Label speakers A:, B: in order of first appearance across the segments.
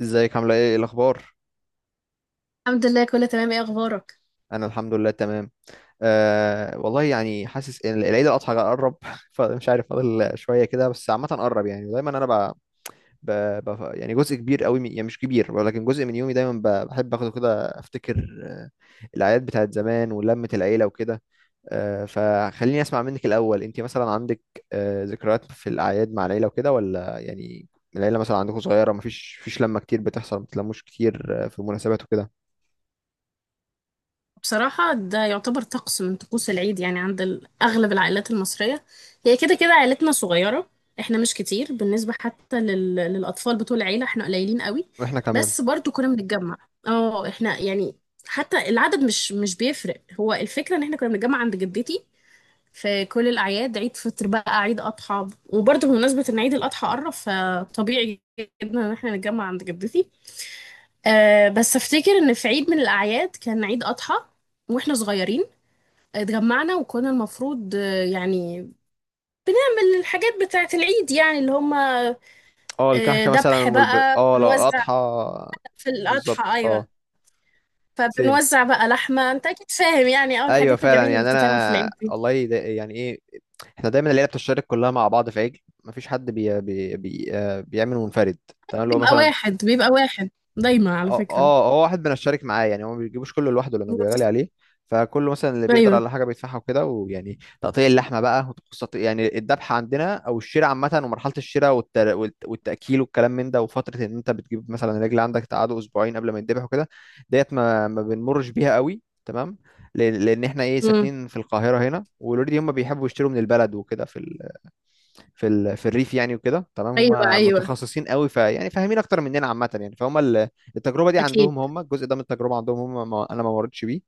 A: ازيك؟ عامله ايه؟ إيه الاخبار؟
B: الحمد لله، كله تمام. ايه اخبارك؟
A: انا الحمد لله تمام. والله يعني حاسس ان العيد الاضحى قرب فمش عارف، فاضل شويه كده بس عامه قرب، يعني ودايما انا ب... يعني جزء كبير قوي يعني مش كبير ولكن جزء من يومي دايما بحب اخده كده افتكر، الاعياد بتاعت زمان ولمه العيله وكده. فخليني اسمع منك الاول، انت مثلا عندك ذكريات في الاعياد مع العيله وكده؟ ولا يعني العيله مثلا عندكم صغيره، مفيش لمه كتير بتحصل؟ ما بتلموش كتير؟ في مناسبات وكده؟
B: بصراحة ده يعتبر طقس من طقوس العيد، يعني عند اغلب العائلات المصرية. هي كده كده عائلتنا صغيرة. احنا مش كتير بالنسبة حتى للاطفال بتوع العيلة، احنا قليلين قوي.
A: واحنا كمان.
B: بس برضو كنا بنتجمع. اه احنا يعني حتى العدد مش بيفرق. هو الفكرة ان احنا كنا بنتجمع عند جدتي في كل الاعياد، عيد فطر بقى، عيد اضحى. وبرضو بمناسبة ان عيد الاضحى قرب، فطبيعي جدا ان احنا نتجمع عند جدتي. بس افتكر ان في عيد من الاعياد كان عيد اضحى واحنا صغيرين، اتجمعنا وكنا المفروض يعني بنعمل الحاجات بتاعه العيد، يعني اللي هم
A: اه الكحكة مثلا
B: ذبح بقى
A: اه لو
B: بنوزع
A: اضحى.
B: في الاضحى.
A: بالظبط،
B: ايوه.
A: اه. سيم.
B: فبنوزع بقى لحمه، انت اكيد فاهم يعني، اول
A: ايوه
B: الحاجات
A: فعلا،
B: الجميله اللي
A: يعني
B: بتتعمل في
A: انا
B: العيد دي.
A: والله ده يعني ايه، احنا دايما العيله بتشترك كلها مع بعض في عجل، مفيش حد بي... بي... بي... آه، بيعمل منفرد. تمام، اللي هو
B: بيبقى
A: مثلا.
B: واحد بيبقى واحد دايما، على
A: اه
B: فكره.
A: اه، هو واحد بنشارك معاه، يعني هو ما بيجيبوش كله لوحده لانه بيغالي عليه، فكله مثلا اللي بيقدر
B: ايوه.
A: على حاجه بيدفعها وكده، ويعني تقطيع اللحمه بقى يعني الذبحه عندنا او الشراء عامه، ومرحله الشراء والتاكيل والكلام من ده، وفتره ان انت بتجيب مثلا الرجل عندك تقعده اسبوعين قبل ما يتذبح وكده. ديت ما بنمرش بيها قوي، تمام. لأن احنا ايه،
B: مم.
A: ساكنين في القاهره هنا، والاوريدي هم بيحبوا يشتروا من البلد وكده، في في الريف يعني وكده، تمام.
B: ايوه،
A: هم
B: ايوه،
A: متخصصين قوي، ف يعني فاهمين اكتر مننا عامه، يعني فهم التجربه دي
B: اكيد.
A: عندهم هم، الجزء ده من التجربه عندهم هم، ما... انا ما مرتش بيه.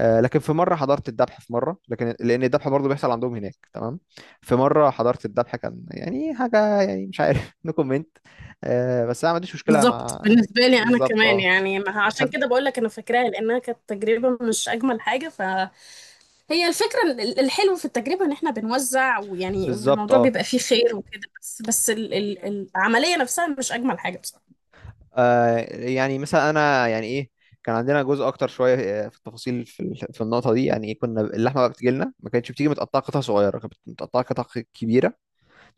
A: آه لكن في مره حضرت الذبح، في مره، لكن لان الذبح برضه بيحصل عندهم هناك تمام. في مره حضرت الذبح، كان يعني حاجه، يعني مش عارف نو كومنت. بس انا ما عنديش مشكله
B: بالظبط.
A: مع.
B: بالنسبة لي أنا
A: بالظبط
B: كمان
A: اه.
B: يعني عشان
A: بحب.
B: كده بقول لك، أنا فاكراها لأنها كانت تجربة مش أجمل حاجة. فهي الفكرة الحلو في التجربة إن إحنا بنوزع، ويعني
A: بالظبط
B: والموضوع
A: اه.
B: بيبقى فيه خير وكده. بس بس ال ال العملية نفسها مش أجمل حاجة بصراحة.
A: آه يعني مثلا انا يعني ايه، كان عندنا جزء اكتر شويه في التفاصيل في النقطه دي، يعني كنا اللحمه بقى بتجي لنا، ما كانتش بتيجي متقطعه قطع صغيره، كانت متقطعه قطع كبيره.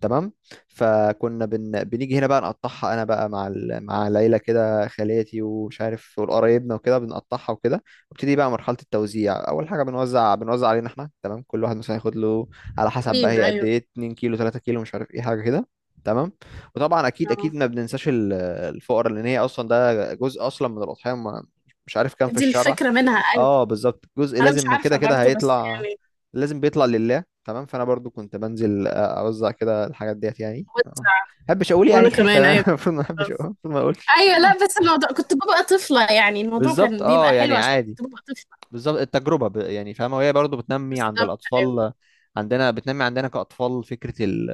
A: تمام. فكنا بنيجي هنا بقى نقطعها، انا بقى مع مع العيله كده، خالاتي ومش عارف والقرايبنا وكده، بنقطعها وكده. وابتدي بقى مرحله التوزيع. اول حاجه بنوزع علينا احنا، تمام، كل واحد مثلا ياخد له على حسب بقى،
B: أكيد،
A: هي قد
B: أيوه.
A: ايه؟ 2 كيلو، 3 كيلو، مش عارف، ايه حاجه كده. تمام. وطبعا اكيد
B: آه.
A: اكيد ما بننساش الفقراء، لان هي اصلا، ده جزء اصلا من الاضحيه، مش عارف كام في
B: دي
A: الشرع.
B: الفكرة منها، أيوه.
A: اه بالظبط، جزء
B: أنا مش
A: لازم كده
B: عارفة
A: كده
B: برضو، بس
A: هيطلع،
B: يعني
A: لازم بيطلع لله. تمام. فانا برضو كنت بنزل اوزع كده الحاجات ديت يعني، اه.
B: بوزع.
A: محبش اقول
B: وأنا
A: يعني
B: كمان،
A: تمام،
B: أيوه،
A: المفروض ما احبش اقول،
B: بالظبط.
A: المفروض ما اقولش.
B: أيوه، لا، بس الموضوع كنت ببقى طفلة، يعني الموضوع
A: بالظبط
B: كان بيبقى
A: اه،
B: حلو
A: يعني
B: عشان
A: عادي.
B: كنت ببقى طفلة.
A: بالظبط التجربه يعني فاهمه، وهي برضو بتنمي عند
B: بالظبط، أيوه،
A: الاطفال، عندنا بتنمي عندنا كاطفال فكره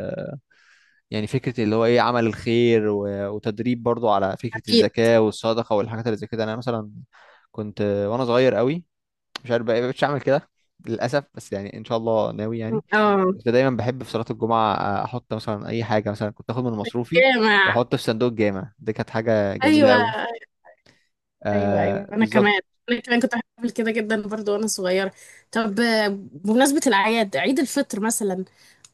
A: يعني فكره اللي هو ايه، عمل الخير وتدريب برضو على فكره
B: أكيد.
A: الزكاه والصدقه والحاجات اللي زي كده. انا مثلا كنت وانا صغير قوي، مش عارف بقى، مش هعمل كده للاسف، بس يعني ان شاء الله ناوي يعني.
B: اه.
A: كنت دايما بحب في صلاه الجمعه احط مثلا اي حاجه، مثلا كنت اخد من مصروفي
B: جامع.
A: واحط في صندوق الجامع، دي كانت حاجه جميله
B: ايوه،
A: قوي.
B: ايوه،
A: آه
B: ايوه، انا
A: بالظبط.
B: كمان. كنت بحب كده جدا برضو وانا صغيره. طب بمناسبه الاعياد، عيد الفطر مثلا،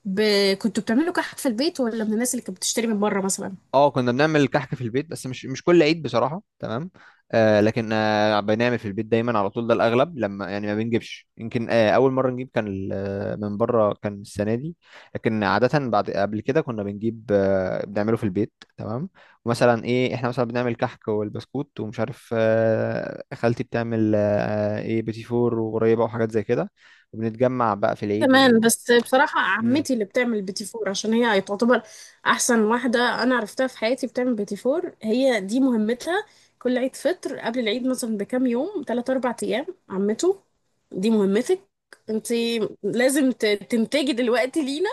B: ب... كنتوا بتعملوا كحك في البيت، ولا من الناس اللي كانت بتشتري من بره مثلا؟
A: اه كنا بنعمل كحك في البيت بس مش كل عيد بصراحة، تمام. آه لكن آه بنعمل في البيت دايما على طول، ده الأغلب، لما يعني ما بنجيبش، يمكن آه أول مرة نجيب كان من بره كان السنة دي. لكن عادة بعد، قبل كده كنا بنجيب آه، بنعمله في البيت تمام. ومثلا إيه، إحنا مثلا بنعمل كحك والبسكوت ومش عارف آه، خالتي بتعمل آه إيه، بيتي فور وقريبة وحاجات زي كده، وبنتجمع بقى في العيد
B: كمان، بس بصراحه
A: مم.
B: عمتي اللي بتعمل بيتي فور، عشان هي تعتبر احسن واحده انا عرفتها في حياتي بتعمل بيتي فور. هي دي مهمتها. كل عيد فطر قبل العيد مثلا بكام يوم، 3 4 ايام، عمته دي مهمتك انت. لازم تنتجي دلوقتي لينا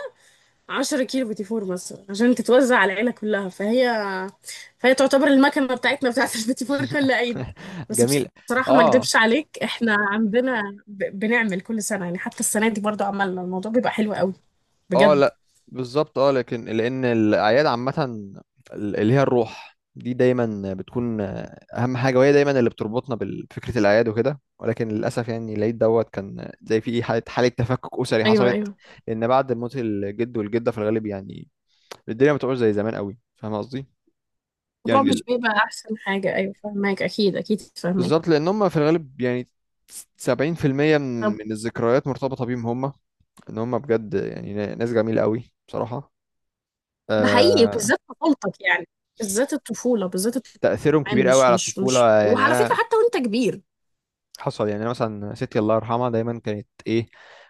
B: 10 كيلو بوتي فور مثلا، عشان تتوزع على العيلة كلها. فهي تعتبر المكنة بتاعتنا بتاعت البوتي فور كل عيد. بس
A: جميل.
B: بصراحة ما
A: اه.
B: اكدبش عليك، احنا عندنا بنعمل كل سنة، يعني حتى السنة دي برضو عملنا. الموضوع بيبقى حلو قوي،
A: اه
B: بجد.
A: لا، بالظبط اه، لكن لان الاعياد عامه اللي هي الروح دي دايما بتكون اهم حاجه، وهي دايما اللي بتربطنا بفكره الاعياد وكده، ولكن للاسف يعني العيد دوت كان زي في حاله تفكك اسري
B: ايوه،
A: حصلت،
B: ايوه.
A: لان بعد موت الجد والجده في الغالب يعني الدنيا ما بتبقاش زي زمان قوي، فاهم قصدي؟ يعني
B: الموضوع مش بيبقى احسن حاجة، ايوه فاهماك، اكيد اكيد فاهماك.
A: بالظبط، لان هم في الغالب يعني 70% من الذكريات مرتبطه بيهم هم، ان هم بجد يعني ناس جميله قوي بصراحه،
B: ده حقيقي
A: آه.
B: بالذات طفولتك يعني، بالذات الطفولة، بالذات الطفولة.
A: تأثيرهم
B: كمان
A: كبير قوي
B: مش
A: على
B: مش مش
A: الطفولة. يعني
B: وعلى فكرة
A: أنا
B: حتى وانت كبير.
A: حصل، يعني أنا مثلا ستي الله يرحمها دايما كانت إيه،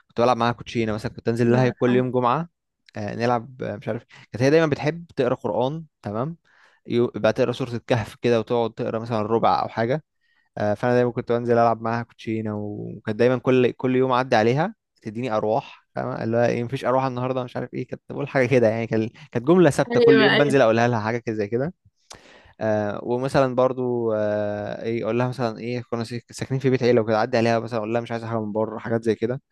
A: كنت بلعب معاها كوتشينة مثلا، كنت أنزل
B: الله
A: لها كل
B: يرحمه.
A: يوم جمعة نلعب مش عارف. كانت هي دايما بتحب تقرا قرآن، تمام، بقى تقرا سورة الكهف كده وتقعد تقرا مثلا ربع أو حاجة فأنا دايما كنت بنزل ألعب معاها كوتشينة، وكانت دايما كل يوم أعدي عليها تديني أرواح، فاهمة اللي هو إيه، مفيش أرواح النهاردة مش عارف إيه، كانت بقول حاجة كده يعني، كانت جملة ثابتة كل
B: ايوه،
A: يوم
B: ايوه.
A: بنزل أقولها لها حاجة كده زي كده. آه ومثلا برضو آه ايه، اقول لها مثلا ايه، كنا ساكنين في بيت عيله وكده، عدي عليها مثلا اقول لها مش عايزه حاجه من بره، حاجات زي كده.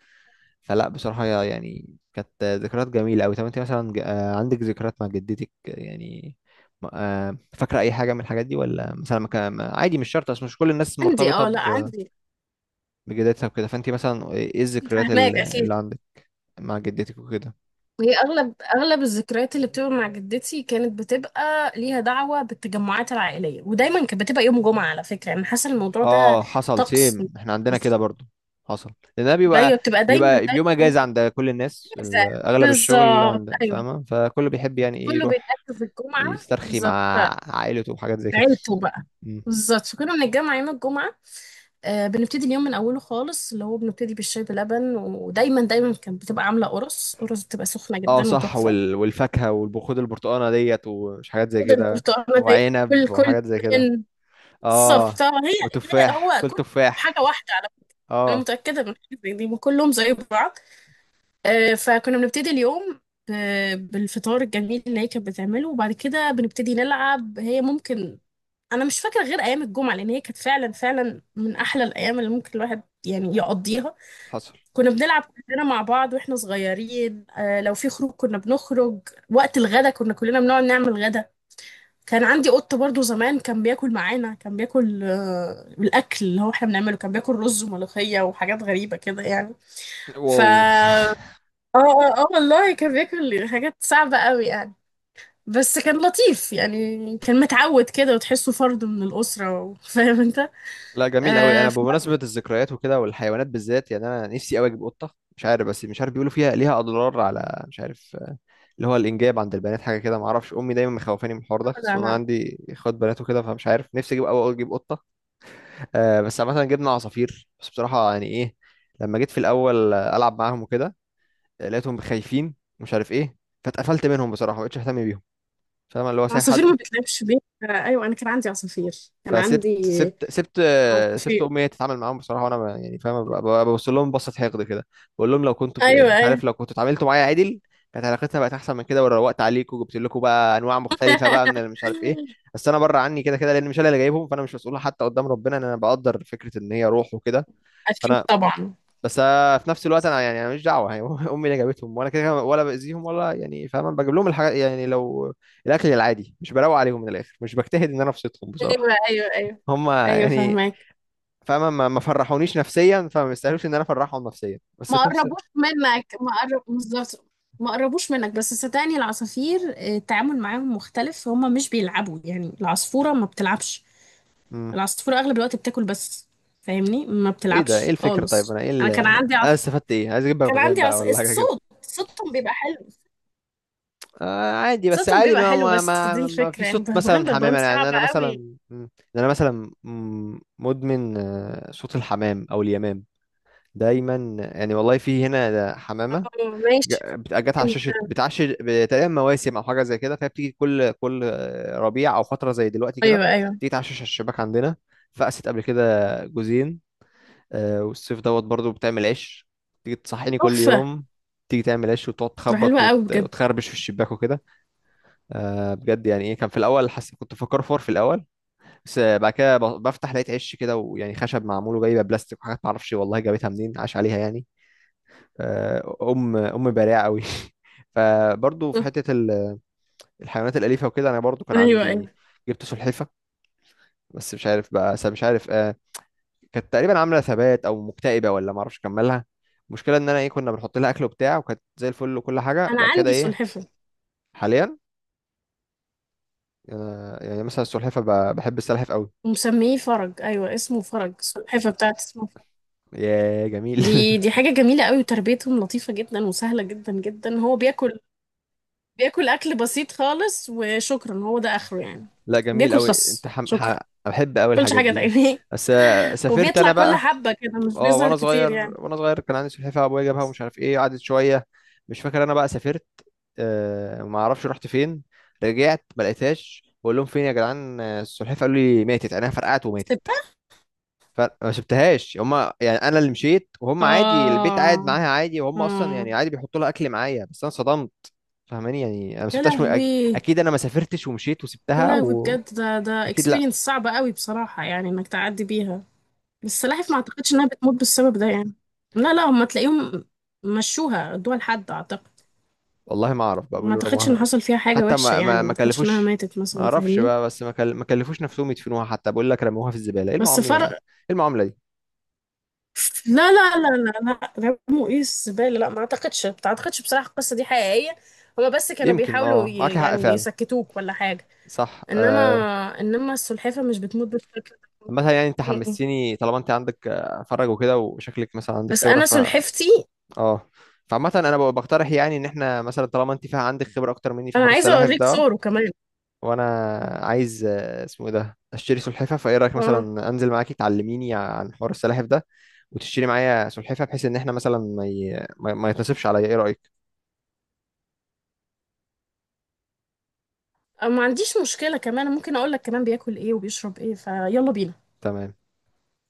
A: فلا بصراحه يعني كانت ذكريات جميله قوي. طب انت مثلا عندك ذكريات مع جدتك يعني؟ فاكره اي حاجه من الحاجات دي؟ ولا مثلا ما كان عادي، مش شرط، اصل مش كل الناس
B: عندي.
A: مرتبطه
B: اه لا، عندي.
A: بجدتها وكده، فانت مثلا ايه، إيه الذكريات
B: فاهماك، اكيد.
A: اللي عندك مع جدتك وكده؟
B: هي اغلب الذكريات اللي بتبقى مع جدتي كانت بتبقى ليها دعوة بالتجمعات العائلية، ودايما كانت بتبقى يوم جمعة. على فكرة، انا حاسة الموضوع ده
A: اه حصل،
B: طقس.
A: سيم، احنا عندنا كده
B: بص،
A: برضو، حصل، لان ده بيبقى،
B: ايوه، بتبقى دايما
A: بيبقى
B: دايما
A: بيوم
B: يوم
A: اجازه
B: جمعة،
A: عند كل الناس
B: إجازة.
A: اغلب الشغل
B: بالظبط،
A: عند،
B: ايوه.
A: فاهمه؟ فكله بيحب يعني ايه،
B: كله
A: يروح
B: بيتأكد في الجمعة.
A: يسترخي مع
B: بالظبط،
A: عائلته وحاجات زي كده.
B: عيلته بقى.
A: مم.
B: بالظبط. فكنا بنتجمع يوم الجمعة. بنبتدي اليوم من اوله خالص، اللي هو بنبتدي بالشاي بلبن، ودايما دايما كانت بتبقى عاملة قرص قرص، بتبقى سخنة
A: اه
B: جدا
A: صح،
B: وتحفة.
A: والفاكهه والبخود البرتقانه ديت ومش حاجات زي
B: خد
A: كده،
B: البرتقالة دي. كل
A: وعنب
B: كل.
A: وحاجات زي كده. اه
B: بالظبط.
A: وتفاح،
B: هو
A: كل
B: كل حاجة
A: تفاح.
B: واحدة على. أنا
A: اه.
B: متأكدة من حاجة زي دي، وكلهم زي بعض. فكنا بنبتدي اليوم بالفطار الجميل اللي هي كانت بتعمله، وبعد كده بنبتدي نلعب. هي ممكن، أنا مش فاكرة غير أيام الجمعة، لأن هي كانت فعلا فعلا من أحلى الأيام اللي ممكن الواحد يعني يقضيها.
A: حصل.
B: كنا بنلعب كلنا مع بعض واحنا صغيرين. لو في خروج كنا بنخرج. وقت الغدا كنا كلنا بنقعد نعمل غدا. كان عندي قط برضو زمان كان بياكل معانا، كان بياكل الاكل اللي هو احنا بنعمله، كان بياكل رز وملوخيه وحاجات غريبه كده يعني. ف
A: واو
B: اه والله كان بياكل حاجات صعبه قوي يعني. بس كان لطيف يعني، كان متعود كده، وتحسه فرد من الاسره و- فاهم انت.
A: لا جميل قوي. انا
B: في مره.
A: بمناسبه الذكريات وكده والحيوانات بالذات، يعني انا نفسي قوي اجيب قطه، مش عارف، بس مش عارف بيقولوا فيها، ليها اضرار على، مش عارف اللي هو الانجاب عند البنات حاجه كده، ما اعرفش، امي دايما مخوفاني من الحوار ده،
B: لا
A: خصوصا انا
B: لا،
A: عندي اخوات بنات وكده، فمش عارف، نفسي اجيب، اول اجيب قطه. آه بس مثلا جبنا عصافير، بس بصراحه يعني ايه، لما جيت في الاول العب معاهم وكده لقيتهم خايفين، مش عارف ايه، فاتقفلت منهم بصراحه، ما بقتش اهتم بيهم، فاهم اللي هو سايب
B: العصافير
A: حد.
B: ما بتلعبش بيها. ايوه، انا كان عندي عصافير. كان
A: فسبت
B: عندي
A: سبت سبت آه،
B: عصافير
A: سبت امي هي تتعامل معاهم بصراحه، وانا يعني فاهم، ببص لهم بصه حقد كده، بقول لهم لو كنتوا
B: ايوه،
A: مش
B: ايوه.
A: عارف، لو كنتوا اتعاملتوا معايا عدل كانت علاقتنا بقت احسن من كده، وروقت عليكم وجبت لكم بقى انواع مختلفه بقى من، اللي مش عارف ايه. بس انا بره عني كده كده، لان مش انا اللي جايبهم، فانا مش مسؤول حتى قدام ربنا ان انا بقدر، فكره ان هي روح وكده،
B: اكيد
A: فانا،
B: طبعا.
A: بس في نفس الوقت انا يعني، انا مش دعوه يعني امي اللي جابتهم وانا كده كده، ولا باذيهم ولا يعني، فاهم، أنا بجيب لهم الحاجات يعني، لو الاكل العادي مش بروق عليهم من الاخر مش بجتهد ان انا ابسطهم
B: ايوه،
A: بصراحه،
B: ايوه، ايوه،
A: هم
B: ايوه
A: يعني،
B: فهمك.
A: فاهمة، ما فرحونيش نفسيا فما يستاهلوش ان انا افرحهم نفسيا بس
B: ما
A: في نفس.
B: قربوش منك، ما قرب بالظبط، ما قربوش منك. بس صدقني العصافير التعامل معاهم مختلف. هما مش بيلعبوا يعني، العصفورة ما بتلعبش.
A: امم.
B: العصفورة أغلب الوقت بتاكل بس، فاهمني ما
A: ايه ده، ايه
B: بتلعبش
A: الفكرة؟ طيب
B: خالص.
A: انا ايه
B: أنا كان عندي
A: انا
B: عص...
A: استفدت ايه؟ عايز اجيب
B: كان
A: بغبغان
B: عندي
A: بقى
B: عص...
A: ولا حاجة كده؟
B: الصوت صوتهم بيبقى حلو.
A: آه عادي، بس عادي، ما ما
B: بس دي
A: ما, ما في
B: الفكرة. يعني
A: صوت
B: بغبغان،
A: مثلا حمام،
B: بغبغان
A: انا
B: صعب
A: يعني انا
B: قوي.
A: مثلا مم. انا مثلا مم، مدمن صوت الحمام او اليمام دايما، يعني والله في هنا ده حمامة
B: ماشي،
A: جت على
B: حلو
A: شاشه
B: فعلا.
A: بتعش تقريبا مواسم او حاجه زي كده، فهي بتيجي كل ربيع او فتره زي دلوقتي
B: أيوه،
A: كده،
B: أيوه،
A: تيجي تعشش على الشباك عندنا، فقست قبل كده جوزين والصيف دوت برضو بتعمل عيش، تيجي تصحيني كل
B: تحفة،
A: يوم، تيجي تعمل عيش وتقعد
B: ده
A: تخبط
B: حلوة قوي بجد.
A: وتخربش في الشباك وكده. بجد يعني ايه، كان في الاول حاسس، كنت فكر فور في الاول، بس بعد كده بفتح لقيت عش كده، ويعني خشب معمول وجايبه بلاستيك وحاجات معرفش والله جابتها منين، عاش عليها يعني آه، ام ام بارعه قوي فبرضه في
B: آه،
A: حته الحيوانات الاليفه وكده، انا برضه كان
B: أيوه،
A: عندي،
B: أيوه.
A: جبت سلحفه، بس مش عارف بقى مش عارف آه، كانت تقريبا عامله ثبات او مكتئبه ولا ما اعرفش اكملها، المشكله ان انا ايه، كنا بنحط لها اكل وبتاع وكانت زي الفل وكل حاجه،
B: أنا
A: بعد كده
B: عندي
A: ايه،
B: سلحفة
A: حاليا. آه يعني مثلا السلحفه بحب السلحف قوي.
B: ومسميه فرج. ايوه، اسمه فرج. السلحفه بتاعت اسمه فرج.
A: يا جميل
B: دي حاجه جميله قوي، وتربيتهم لطيفه جدا، وسهله جدا جدا. هو بياكل، اكل بسيط خالص وشكرا، هو ده اخره يعني.
A: لا جميل
B: بياكل
A: قوي، انت
B: خس، شكرا.
A: بحب قوي
B: كلش
A: الحاجات
B: حاجه
A: دي،
B: تانية.
A: بس سافرت
B: وبيطلع
A: انا
B: كل
A: بقى.
B: حبه كده، مش
A: اه
B: بيظهر
A: وانا
B: كتير
A: صغير،
B: يعني.
A: وانا صغير كان عندي سلحفاه ابويا جابها ومش عارف ايه، قعدت شويه، مش فاكر، انا بقى سافرت، آه ما اعرفش رحت فين، رجعت ما لقيتهاش، بقول لهم فين يا جدعان السلحفاه؟ قالوا لي ماتت، عينها فرقعت وماتت.
B: سبتة.
A: فما سبتهاش هم يعني، انا اللي مشيت وهم عادي البيت قاعد
B: اه
A: معاها عادي، وهم اصلا
B: اه
A: يعني عادي بيحطوا لها اكل معايا، بس انا صدمت، فاهماني، يعني انا ما
B: يا
A: سبتهاش
B: لهوي.
A: اكيد انا ما سافرتش ومشيت
B: يا
A: وسبتها،
B: لهوي بجد،
A: واكيد
B: ده
A: لا
B: اكسبيرينس صعبه قوي بصراحه، يعني انك تعدي بيها. بس سلاحف ما اعتقدش انها بتموت بالسبب ده يعني. لا لا، هم تلاقيهم مشوها، ادوها لحد اعتقد.
A: والله، ما اعرف بقى
B: ما
A: بيقولوا
B: اعتقدش ان
A: رموها،
B: حصل فيها حاجة
A: حتى
B: وحشة
A: ما
B: يعني،
A: ما
B: ما
A: ما
B: اعتقدش انها
A: كلفوش،
B: ماتت
A: ما
B: مثلا،
A: اعرفش
B: فاهمني.
A: بقى، بس ما كلفوش نفسهم يدفنوها حتى، بقول لك رموها في الزبالة، ايه
B: بس
A: المعاملة، ايه
B: فرق.
A: المعاملة دي؟
B: لا لا لا لا لا، رموا ايه الزبالة؟ لا، ما اعتقدش، بصراحة القصة دي حقيقية. هما بس كانوا
A: يمكن
B: بيحاولوا
A: اه معاك حق
B: يعني
A: فعلا،
B: يسكتوك ولا حاجة.
A: صح
B: انما،
A: آه.
B: السلحفة مش بتموت بالشكل
A: مثلا يعني انت
B: ده. م- م.
A: حمستيني، طالما انت عندك فرج وكده وشكلك مثلا عندك
B: بس
A: خبرة
B: انا
A: ف،
B: سلحفتي.
A: اه، فعامة انا بقترح يعني ان احنا مثلا طالما انت فيها عندك خبرة اكتر مني في
B: انا
A: حوار
B: عايزة
A: السلاحف
B: اوريك
A: ده،
B: صوره كمان.
A: وانا عايز اسمه ايه ده، اشتري سلحفاة، فايه رأيك
B: اه
A: مثلا انزل معاكي تعلميني عن حوار السلاحف ده، وتشتري معايا سلحفاه، بحيث ان احنا مثلا ما ي... ما ما يتنصبش عليا؟ ايه رايك؟
B: أو ما عنديش مشكلة، كمان ممكن اقول لك كمان بياكل ايه وبيشرب ايه. فيلا بينا.
A: تمام.